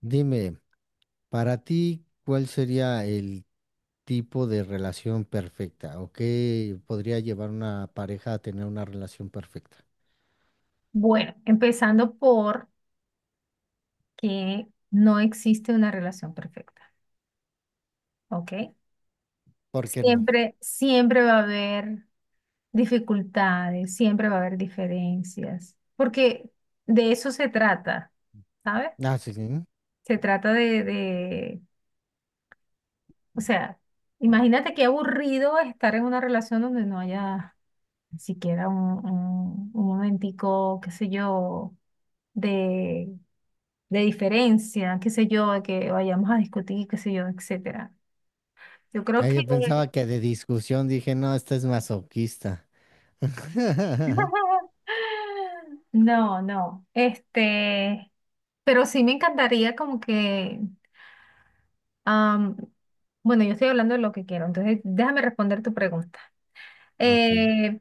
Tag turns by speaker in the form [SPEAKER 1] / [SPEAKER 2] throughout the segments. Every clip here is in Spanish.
[SPEAKER 1] Dime, para ti, ¿cuál sería el tipo de relación perfecta? ¿O qué podría llevar una pareja a tener una relación perfecta?
[SPEAKER 2] Bueno, empezando por que no existe una relación perfecta, ¿ok?
[SPEAKER 1] ¿Por qué no?
[SPEAKER 2] Siempre va a haber dificultades, siempre va a haber diferencias, porque de eso se trata, ¿sabes?
[SPEAKER 1] Ah, sí, sí.
[SPEAKER 2] Se trata de, o sea, imagínate qué aburrido estar en una relación donde no haya ni siquiera un momentico, qué sé yo, de diferencia, qué sé yo, de que vayamos a discutir, qué sé yo, etcétera. Yo creo
[SPEAKER 1] Ah,
[SPEAKER 2] que
[SPEAKER 1] yo pensaba que de discusión dije, no, esta es masoquista.
[SPEAKER 2] no, no. Este, pero sí me encantaría como que am, bueno, yo estoy hablando de lo que quiero, entonces déjame responder tu pregunta.
[SPEAKER 1] Ok.
[SPEAKER 2] Eh,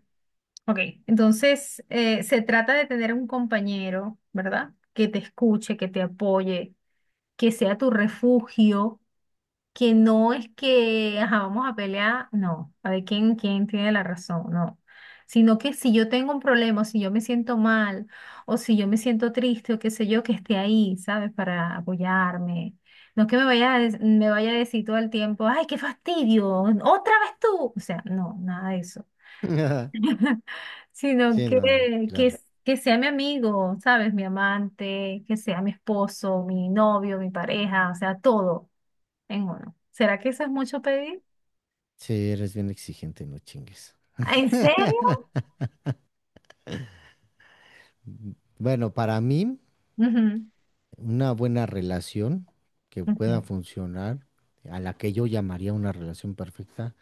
[SPEAKER 2] ok, entonces se trata de tener un compañero, ¿verdad? Que te escuche, que te apoye, que sea tu refugio que no es que, ajá, vamos a pelear, no, a ver quién tiene la razón, no. Sino que si yo tengo un problema, o si yo me siento mal, o si yo me siento triste, o qué sé yo, que esté ahí, ¿sabes? Para apoyarme. No es que me vaya a, me vaya a decir todo el tiempo, ay, qué fastidio, otra vez tú. O sea, no, nada de eso. Sino
[SPEAKER 1] Sí,
[SPEAKER 2] que,
[SPEAKER 1] no, claro.
[SPEAKER 2] que, que sea mi amigo, ¿sabes? Mi amante, que sea mi esposo, mi novio, mi pareja, o sea, todo en uno. ¿Será que eso es mucho pedir?
[SPEAKER 1] Sí, eres bien exigente, no chingues.
[SPEAKER 2] Ah, ¿en serio?
[SPEAKER 1] Mm, Bueno, para mí,
[SPEAKER 2] Ujú,
[SPEAKER 1] una buena relación que pueda
[SPEAKER 2] ujú,
[SPEAKER 1] funcionar, a la que yo llamaría una relación perfecta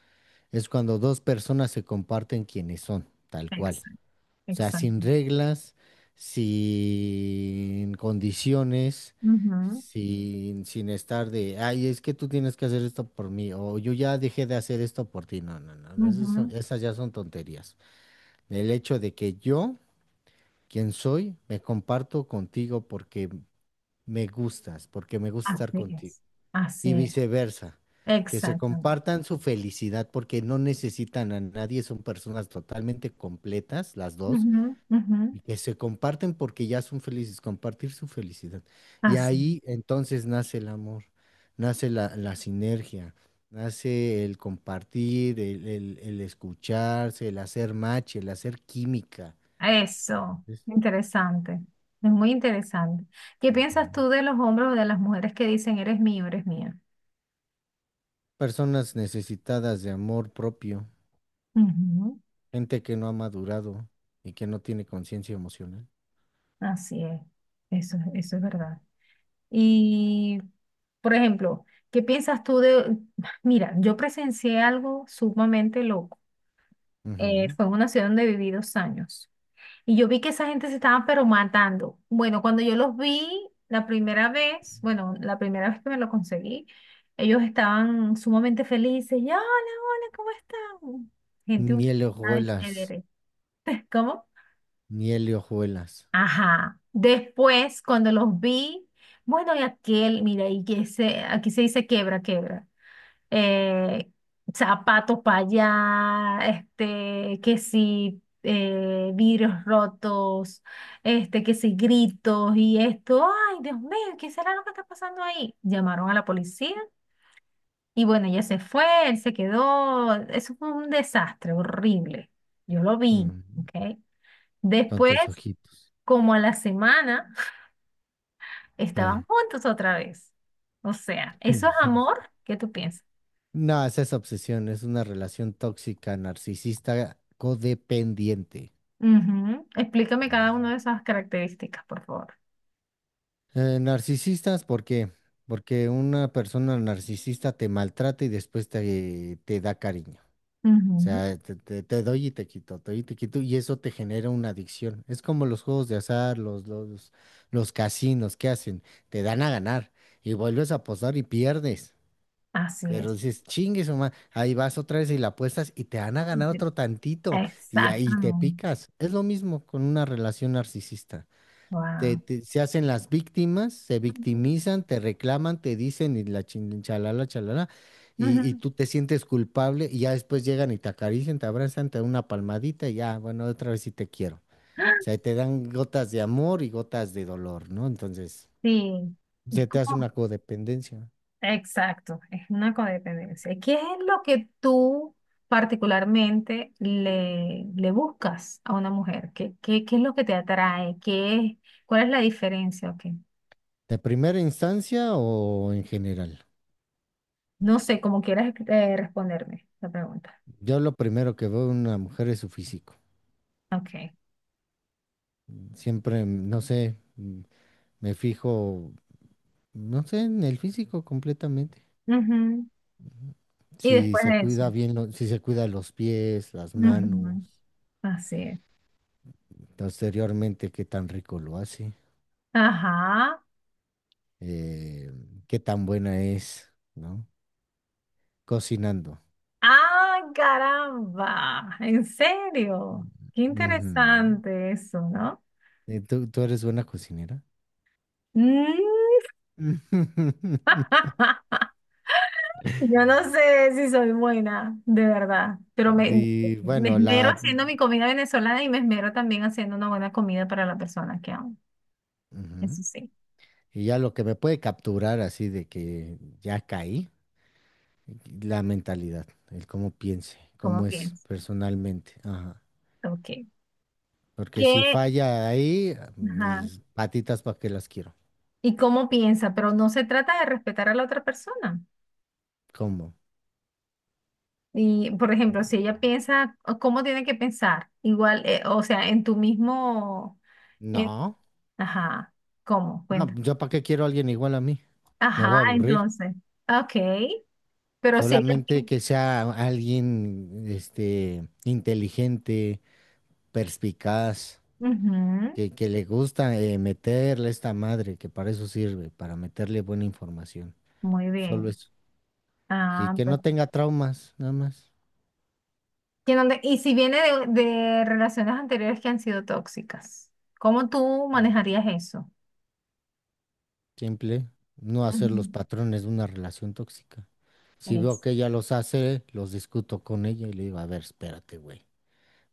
[SPEAKER 1] es cuando dos personas se comparten quienes son, tal cual.
[SPEAKER 2] exacto,
[SPEAKER 1] O sea, sin
[SPEAKER 2] exacto.
[SPEAKER 1] reglas, sin condiciones,
[SPEAKER 2] Ujú,
[SPEAKER 1] sin estar de, ay, es que tú tienes que hacer esto por mí, o yo ya dejé de hacer esto por ti. No, no, no, no,
[SPEAKER 2] ujú,
[SPEAKER 1] esas ya son tonterías. El hecho de que yo, quien soy, me comparto contigo porque me gustas, porque me gusta estar
[SPEAKER 2] así
[SPEAKER 1] contigo
[SPEAKER 2] es, así
[SPEAKER 1] y
[SPEAKER 2] es,
[SPEAKER 1] viceversa, que se
[SPEAKER 2] exactamente.
[SPEAKER 1] compartan su felicidad porque no necesitan a nadie, son personas totalmente completas las dos
[SPEAKER 2] Ujú, ujú,
[SPEAKER 1] y que se comparten porque ya son felices, compartir su felicidad. Y
[SPEAKER 2] así es.
[SPEAKER 1] ahí entonces nace el amor, nace la sinergia, nace el compartir, el escucharse, el hacer match, el hacer química.
[SPEAKER 2] Eso,
[SPEAKER 1] Es-
[SPEAKER 2] interesante, es muy interesante. ¿Qué
[SPEAKER 1] Ujú.
[SPEAKER 2] piensas tú de los hombres o de las mujeres que dicen eres mío, eres mía?
[SPEAKER 1] Personas necesitadas de amor propio,
[SPEAKER 2] Ujú,
[SPEAKER 1] gente que no ha madurado y que no tiene conciencia emocional.
[SPEAKER 2] así es, eso, eso es verdad. Y, por ejemplo, ¿qué piensas tú de... Mira, yo presencié algo sumamente loco.
[SPEAKER 1] Ujú.
[SPEAKER 2] Fue en una ciudad donde viví dos años. Y yo vi que esa gente se estaba pero matando. Bueno, cuando yo los vi la primera vez, bueno, la primera vez que me lo conseguí, ellos estaban sumamente felices. Y, hola, hola, ¿cómo están? Gente humilde,
[SPEAKER 1] Miel y
[SPEAKER 2] ¿sabes?
[SPEAKER 1] hojuelas,
[SPEAKER 2] Chévere. ¿Cómo?
[SPEAKER 1] miel y hojuelas.
[SPEAKER 2] Ajá. Después, cuando los vi, bueno, y aquel, mira, y que se, aquí se dice quebra, quebra eh, zapatos para allá, este, que si vidrios rotos, este, que si gritos y esto, ay, Dios mío, ¿qué será lo que está pasando ahí? Llamaron a la policía y bueno, ella se fue, él se quedó, eso fue un desastre horrible, yo lo vi,
[SPEAKER 1] Mm.
[SPEAKER 2] ¿ok?
[SPEAKER 1] Con
[SPEAKER 2] Después,
[SPEAKER 1] tus ojitos.
[SPEAKER 2] como a la semana, estaban
[SPEAKER 1] Sí.
[SPEAKER 2] juntos otra vez. O sea, ¿eso es amor? ¿Qué tú piensas?
[SPEAKER 1] No, es esa obsesión, es una relación tóxica, narcisista, codependiente.
[SPEAKER 2] Ujú. Explícame cada una
[SPEAKER 1] Mm.
[SPEAKER 2] de esas características, por favor.
[SPEAKER 1] Narcisistas, ¿por qué? Porque una persona narcisista te maltrata y después te da cariño. O
[SPEAKER 2] Ujú.
[SPEAKER 1] sea, te doy y te quito, te doy y te quito, y eso te genera una adicción. Es como los juegos de azar, los casinos, ¿qué hacen? Te dan a ganar y vuelves a apostar y pierdes.
[SPEAKER 2] Así
[SPEAKER 1] Pero
[SPEAKER 2] es.
[SPEAKER 1] dices, chingue su ma-". Ahí vas otra vez y la apuestas y te van a ganar
[SPEAKER 2] Ujú.
[SPEAKER 1] otro tantito y ahí te
[SPEAKER 2] Exactamente.
[SPEAKER 1] picas. Es lo mismo con una relación narcisista.
[SPEAKER 2] Wow.
[SPEAKER 1] Se hacen las víctimas, se
[SPEAKER 2] Ujú.
[SPEAKER 1] victimizan, te reclaman, te dicen y la chalala, chalala, y,
[SPEAKER 2] Ujú.
[SPEAKER 1] tú te sientes culpable y ya después llegan y te acarician, te abrazan, te dan una palmadita y ya, bueno, otra vez sí te quiero. O sea, te dan gotas de amor y gotas de dolor, ¿no? Entonces,
[SPEAKER 2] Sí, es
[SPEAKER 1] se te hace
[SPEAKER 2] como,
[SPEAKER 1] una codependencia.
[SPEAKER 2] exacto, es una codependencia. ¿Qué es lo que tú particularmente le buscas a una mujer? ¿Qué, qué es lo que te atrae? ¿Qué es, cuál es la diferencia? Ok.
[SPEAKER 1] ¿De primera instancia o en general?
[SPEAKER 2] No sé, como quieras responderme la pregunta.
[SPEAKER 1] Yo lo primero que veo en una mujer es su físico.
[SPEAKER 2] Ok.
[SPEAKER 1] Siempre, no sé, me fijo, no sé, en el físico completamente.
[SPEAKER 2] Ujú. Y
[SPEAKER 1] Si
[SPEAKER 2] después
[SPEAKER 1] se
[SPEAKER 2] de eso.
[SPEAKER 1] cuida bien, si se cuida los pies, las manos,
[SPEAKER 2] Ujú, así es.
[SPEAKER 1] posteriormente qué tan rico lo hace,
[SPEAKER 2] Ajá.
[SPEAKER 1] eh, qué tan buena es, ¿no? Cocinando.
[SPEAKER 2] ¡Ah, caramba! ¿En serio? Qué
[SPEAKER 1] Ujú.
[SPEAKER 2] interesante eso, ¿no?
[SPEAKER 1] ¿Tú eres buena cocinera?
[SPEAKER 2] Mm. Yo no sé si soy buena, de verdad, pero me,
[SPEAKER 1] Y
[SPEAKER 2] me
[SPEAKER 1] bueno,
[SPEAKER 2] esmero
[SPEAKER 1] la...
[SPEAKER 2] haciendo mi comida venezolana y me esmero también haciendo una buena comida para la persona que amo.
[SPEAKER 1] Ujú.
[SPEAKER 2] Eso sí,
[SPEAKER 1] Y ya lo que me puede capturar así de que ya caí, la mentalidad, el cómo piense,
[SPEAKER 2] ¿cómo
[SPEAKER 1] cómo es
[SPEAKER 2] piensa?
[SPEAKER 1] personalmente. Ajá.
[SPEAKER 2] Ok.
[SPEAKER 1] Porque si
[SPEAKER 2] ¿Qué?
[SPEAKER 1] falla ahí,
[SPEAKER 2] Ajá.
[SPEAKER 1] mis patitas para qué las quiero.
[SPEAKER 2] ¿Y cómo piensa? Pero no se trata de respetar a la otra persona.
[SPEAKER 1] ¿Cómo?
[SPEAKER 2] Y, por ejemplo, si ella piensa, o ¿cómo tiene que pensar? Igual, o sea, en tu mismo, en-
[SPEAKER 1] No,
[SPEAKER 2] ajá, ¿cómo?
[SPEAKER 1] no,
[SPEAKER 2] Cuenta.
[SPEAKER 1] yo para qué quiero a alguien igual a mí. Me voy
[SPEAKER 2] Ajá,
[SPEAKER 1] a aburrir.
[SPEAKER 2] entonces, ok, pero si ella
[SPEAKER 1] Solamente
[SPEAKER 2] piensa,
[SPEAKER 1] que sea alguien, este, inteligente, perspicaz, que, le gusta meterle a esta madre, que para eso sirve, para meterle buena información.
[SPEAKER 2] muy bien.
[SPEAKER 1] Solo eso. Y
[SPEAKER 2] Ah,
[SPEAKER 1] que no tenga traumas, nada más.
[SPEAKER 2] ¿Y y si viene de relaciones anteriores que han sido tóxicas, ¿cómo tú manejarías eso?
[SPEAKER 1] Simple, no hacer los patrones de una relación tóxica. Si
[SPEAKER 2] Ujú.
[SPEAKER 1] veo
[SPEAKER 2] Es.
[SPEAKER 1] que ella los hace, los discuto con ella y le digo, a ver, espérate, güey,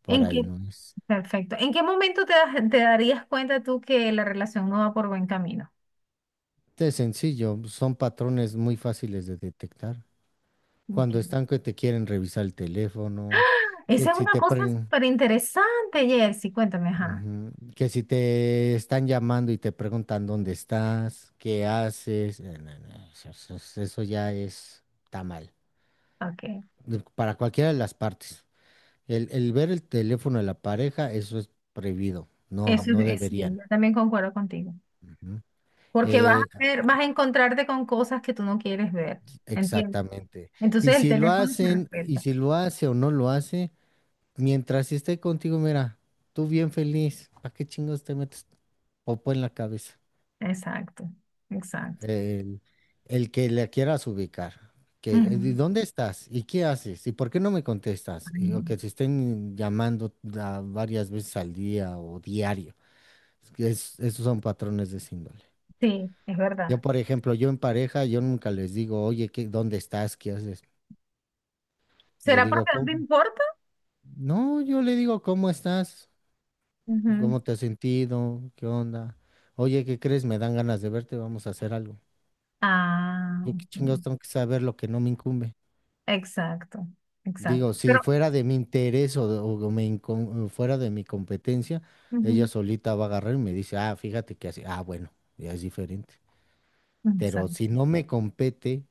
[SPEAKER 1] por
[SPEAKER 2] ¿En qué,
[SPEAKER 1] ahí no es.
[SPEAKER 2] perfecto. ¿En qué momento te darías cuenta tú que la relación no va por buen camino?
[SPEAKER 1] Es sencillo, son patrones muy fáciles de detectar.
[SPEAKER 2] Ok.
[SPEAKER 1] Cuando están que te quieren revisar el teléfono, que
[SPEAKER 2] Esa es
[SPEAKER 1] si
[SPEAKER 2] una
[SPEAKER 1] te
[SPEAKER 2] cosa
[SPEAKER 1] pre-
[SPEAKER 2] súper interesante, Jersey. Cuéntame, ajá.
[SPEAKER 1] Ujú. Que si te están llamando y te preguntan dónde estás, qué haces, no, no, eso ya es, está mal.
[SPEAKER 2] Ok.
[SPEAKER 1] Para cualquiera de las partes. El ver el teléfono de la pareja, eso es prohibido. No,
[SPEAKER 2] Eso es,
[SPEAKER 1] no
[SPEAKER 2] sí,
[SPEAKER 1] deberían.
[SPEAKER 2] yo también concuerdo contigo.
[SPEAKER 1] Ujú.
[SPEAKER 2] Porque vas
[SPEAKER 1] Eh,
[SPEAKER 2] a ver, vas a encontrarte con cosas que tú no quieres ver. ¿Entiendes?
[SPEAKER 1] Exactamente. Y
[SPEAKER 2] Entonces el
[SPEAKER 1] si lo
[SPEAKER 2] teléfono se
[SPEAKER 1] hacen, y
[SPEAKER 2] respeta.
[SPEAKER 1] si lo hace o no lo hace, mientras esté contigo, mira, tú bien feliz, ¿para qué chingos te metes popo en la cabeza?
[SPEAKER 2] Exacto, exacto.
[SPEAKER 1] El, el que le quieras ubicar. Que, ¿y
[SPEAKER 2] Ujú.
[SPEAKER 1] dónde estás? ¿Y qué haces? ¿Y por qué no me contestas?
[SPEAKER 2] Ay,
[SPEAKER 1] Y, o que te estén llamando varias veces al día o diario. Esos son patrones de esa índole.
[SPEAKER 2] sí, es
[SPEAKER 1] Yo,
[SPEAKER 2] verdad.
[SPEAKER 1] por ejemplo, yo en pareja, yo nunca les digo, oye, ¿qué, dónde estás? ¿Qué haces? Le
[SPEAKER 2] ¿Será
[SPEAKER 1] digo,
[SPEAKER 2] porque no te
[SPEAKER 1] ¿cómo?
[SPEAKER 2] importa?
[SPEAKER 1] No, yo le digo, ¿cómo estás?
[SPEAKER 2] Ujú.
[SPEAKER 1] ¿Cómo te has sentido? ¿Qué onda? Oye, ¿qué crees? Me dan ganas de verte, vamos a hacer algo.
[SPEAKER 2] Ah,
[SPEAKER 1] Yo qué chingados
[SPEAKER 2] ok.
[SPEAKER 1] tengo que saber lo que no me incumbe.
[SPEAKER 2] Exacto,
[SPEAKER 1] Digo,
[SPEAKER 2] exacto.
[SPEAKER 1] si
[SPEAKER 2] Pero,
[SPEAKER 1] fuera de mi interés o me fuera de mi competencia, ella
[SPEAKER 2] ujú,
[SPEAKER 1] solita va a agarrar y me dice, ah, fíjate que así, ah, bueno, ya es diferente. Pero si
[SPEAKER 2] exacto,
[SPEAKER 1] no me compete,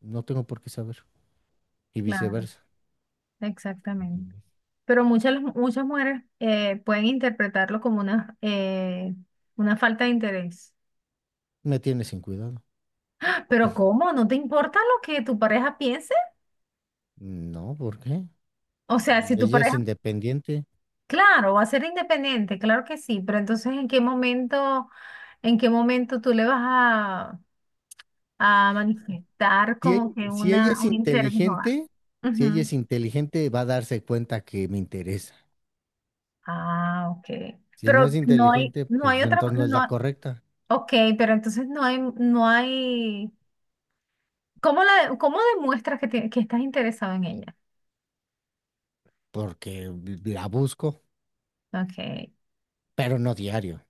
[SPEAKER 1] no tengo por qué saber. Y
[SPEAKER 2] claro,
[SPEAKER 1] viceversa.
[SPEAKER 2] exactamente. Pero muchas, muchas mujeres pueden interpretarlo como una falta de interés.
[SPEAKER 1] Me tienes sin cuidado.
[SPEAKER 2] Pero ¿cómo? ¿No te importa lo que tu pareja piense?
[SPEAKER 1] No, ¿por qué?
[SPEAKER 2] O sea, si tu
[SPEAKER 1] Ella es
[SPEAKER 2] pareja,
[SPEAKER 1] independiente.
[SPEAKER 2] claro, va a ser independiente, claro que sí, pero entonces en qué momento tú le vas a, manifestar como que
[SPEAKER 1] Si ella es
[SPEAKER 2] un interés o algo?
[SPEAKER 1] inteligente,
[SPEAKER 2] Ujú.
[SPEAKER 1] va a darse cuenta que me interesa.
[SPEAKER 2] Ah, ok.
[SPEAKER 1] Si no es
[SPEAKER 2] Pero
[SPEAKER 1] inteligente,
[SPEAKER 2] no
[SPEAKER 1] pues
[SPEAKER 2] hay otra,
[SPEAKER 1] entonces no es la
[SPEAKER 2] no,
[SPEAKER 1] correcta,
[SPEAKER 2] ok, pero entonces no hay. ¿Cómo cómo demuestras que, que estás interesado en ella?
[SPEAKER 1] porque la busco,
[SPEAKER 2] Ok.
[SPEAKER 1] pero no diario.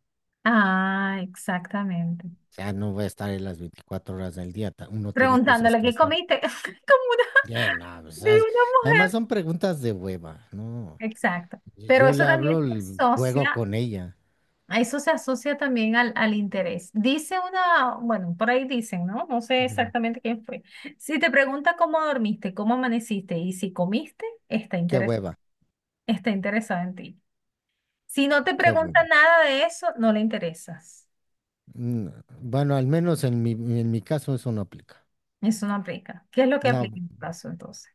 [SPEAKER 2] Ah, exactamente.
[SPEAKER 1] O sea, no voy a estar en las 24 horas del día. Uno tiene cosas
[SPEAKER 2] Preguntándole
[SPEAKER 1] que
[SPEAKER 2] qué
[SPEAKER 1] hacer.
[SPEAKER 2] comiste. Como
[SPEAKER 1] No, o
[SPEAKER 2] de
[SPEAKER 1] sea,
[SPEAKER 2] una
[SPEAKER 1] además
[SPEAKER 2] mujer.
[SPEAKER 1] son preguntas de hueva, ¿no?
[SPEAKER 2] Exacto. Pero
[SPEAKER 1] Yo
[SPEAKER 2] eso
[SPEAKER 1] le
[SPEAKER 2] también
[SPEAKER 1] hablo,
[SPEAKER 2] se
[SPEAKER 1] juego
[SPEAKER 2] asocia,
[SPEAKER 1] con ella.
[SPEAKER 2] a eso se asocia también al interés. Dice una, bueno, por ahí dicen, ¿no? No sé
[SPEAKER 1] Ujú.
[SPEAKER 2] exactamente quién fue. Si te pregunta cómo dormiste, cómo amaneciste y si comiste,
[SPEAKER 1] Qué hueva,
[SPEAKER 2] está interesado en ti. Si no te
[SPEAKER 1] qué
[SPEAKER 2] pregunta
[SPEAKER 1] hueva.
[SPEAKER 2] nada de eso, no le interesas.
[SPEAKER 1] Mm, Bueno, al menos en en mi caso eso no aplica.
[SPEAKER 2] Eso no aplica. ¿Qué es lo que aplica
[SPEAKER 1] No,
[SPEAKER 2] en tu caso entonces?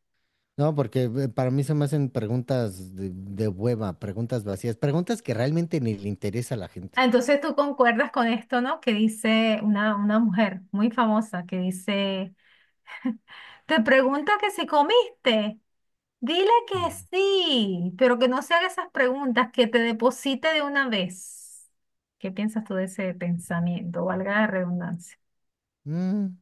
[SPEAKER 1] no, porque para mí se me hacen preguntas de, hueva, preguntas vacías, preguntas que realmente ni le interesa a la
[SPEAKER 2] Ah,
[SPEAKER 1] gente.
[SPEAKER 2] entonces tú concuerdas con esto, ¿no? Que dice una mujer muy famosa que dice, te pregunta que si comiste, dile que
[SPEAKER 1] Ujú.
[SPEAKER 2] sí, pero que no se haga esas preguntas, que te deposite de una vez. ¿Qué piensas tú de ese pensamiento? Valga la redundancia.
[SPEAKER 1] Mm,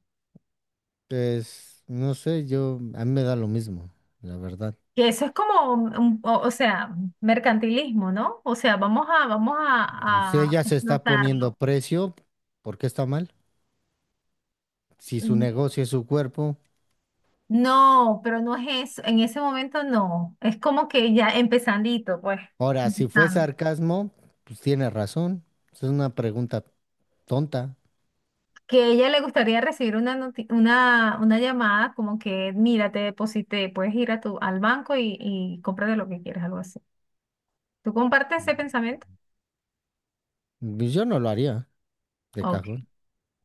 [SPEAKER 1] pues, no sé, yo, a mí me da lo mismo, la verdad.
[SPEAKER 2] Que eso es como, o sea, mercantilismo, ¿no? O sea, vamos a, vamos
[SPEAKER 1] Si
[SPEAKER 2] a, a
[SPEAKER 1] ella se está poniendo
[SPEAKER 2] explotarlo.
[SPEAKER 1] precio, ¿por qué está mal? Si su negocio es su cuerpo.
[SPEAKER 2] No, pero no es eso. En ese momento no. Es como que ya empezandito, pues.
[SPEAKER 1] Ahora, si fue
[SPEAKER 2] Empezando.
[SPEAKER 1] sarcasmo, pues tiene razón. Es una pregunta tonta.
[SPEAKER 2] Que a ella le gustaría recibir una llamada como que, mira, te deposité, puedes ir a tu, al banco y, cómprate lo que quieras, algo así. ¿Tú compartes ese pensamiento?
[SPEAKER 1] Pues yo no lo haría, de
[SPEAKER 2] Ok,
[SPEAKER 1] cajón.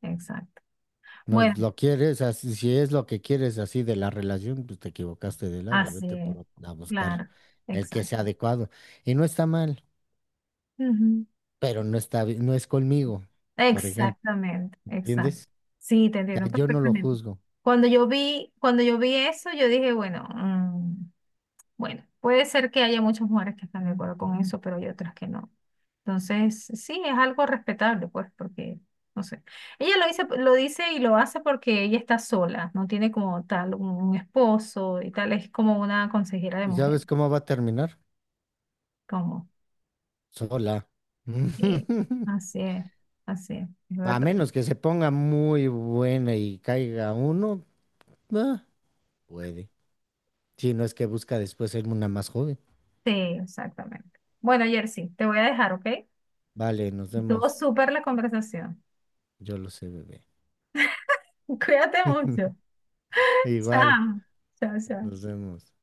[SPEAKER 2] exacto.
[SPEAKER 1] No
[SPEAKER 2] Bueno,
[SPEAKER 1] lo quieres, así, si es lo que quieres así de la relación, pues te equivocaste de lado,
[SPEAKER 2] así
[SPEAKER 1] vete
[SPEAKER 2] es.
[SPEAKER 1] por, a buscar
[SPEAKER 2] Claro,
[SPEAKER 1] el que
[SPEAKER 2] exacto.
[SPEAKER 1] sea adecuado. Y no está mal,
[SPEAKER 2] Ujú.
[SPEAKER 1] pero no está, no es conmigo, por ejemplo,
[SPEAKER 2] Exactamente, exacto.
[SPEAKER 1] ¿entiendes?
[SPEAKER 2] Sí, te
[SPEAKER 1] O
[SPEAKER 2] entiendo
[SPEAKER 1] sea, yo no lo
[SPEAKER 2] perfectamente.
[SPEAKER 1] juzgo.
[SPEAKER 2] Cuando yo vi eso, yo dije, bueno, bueno, puede ser que haya muchas mujeres que están de acuerdo con eso, pero hay otras que no. Entonces, sí, es algo respetable, pues, porque, no sé. Ella lo dice y lo hace porque ella está sola, no tiene como tal un esposo y tal, es como una consejera de
[SPEAKER 1] ¿Y
[SPEAKER 2] mujer,
[SPEAKER 1] sabes cómo va a terminar?
[SPEAKER 2] como,
[SPEAKER 1] Sola.
[SPEAKER 2] sí, así es, así es
[SPEAKER 1] A
[SPEAKER 2] verdad.
[SPEAKER 1] menos que se ponga muy buena y caiga uno, ah, puede. Si no es que busca después ser una más joven.
[SPEAKER 2] Sí, exactamente. Bueno, Jersey, te voy a dejar, ¿ok?
[SPEAKER 1] Vale, nos
[SPEAKER 2] Estuvo
[SPEAKER 1] vemos.
[SPEAKER 2] súper la conversación.
[SPEAKER 1] Yo lo sé, bebé.
[SPEAKER 2] Cuídate mucho.
[SPEAKER 1] Igual,
[SPEAKER 2] Chao, chao,
[SPEAKER 1] nos
[SPEAKER 2] chao.
[SPEAKER 1] vemos.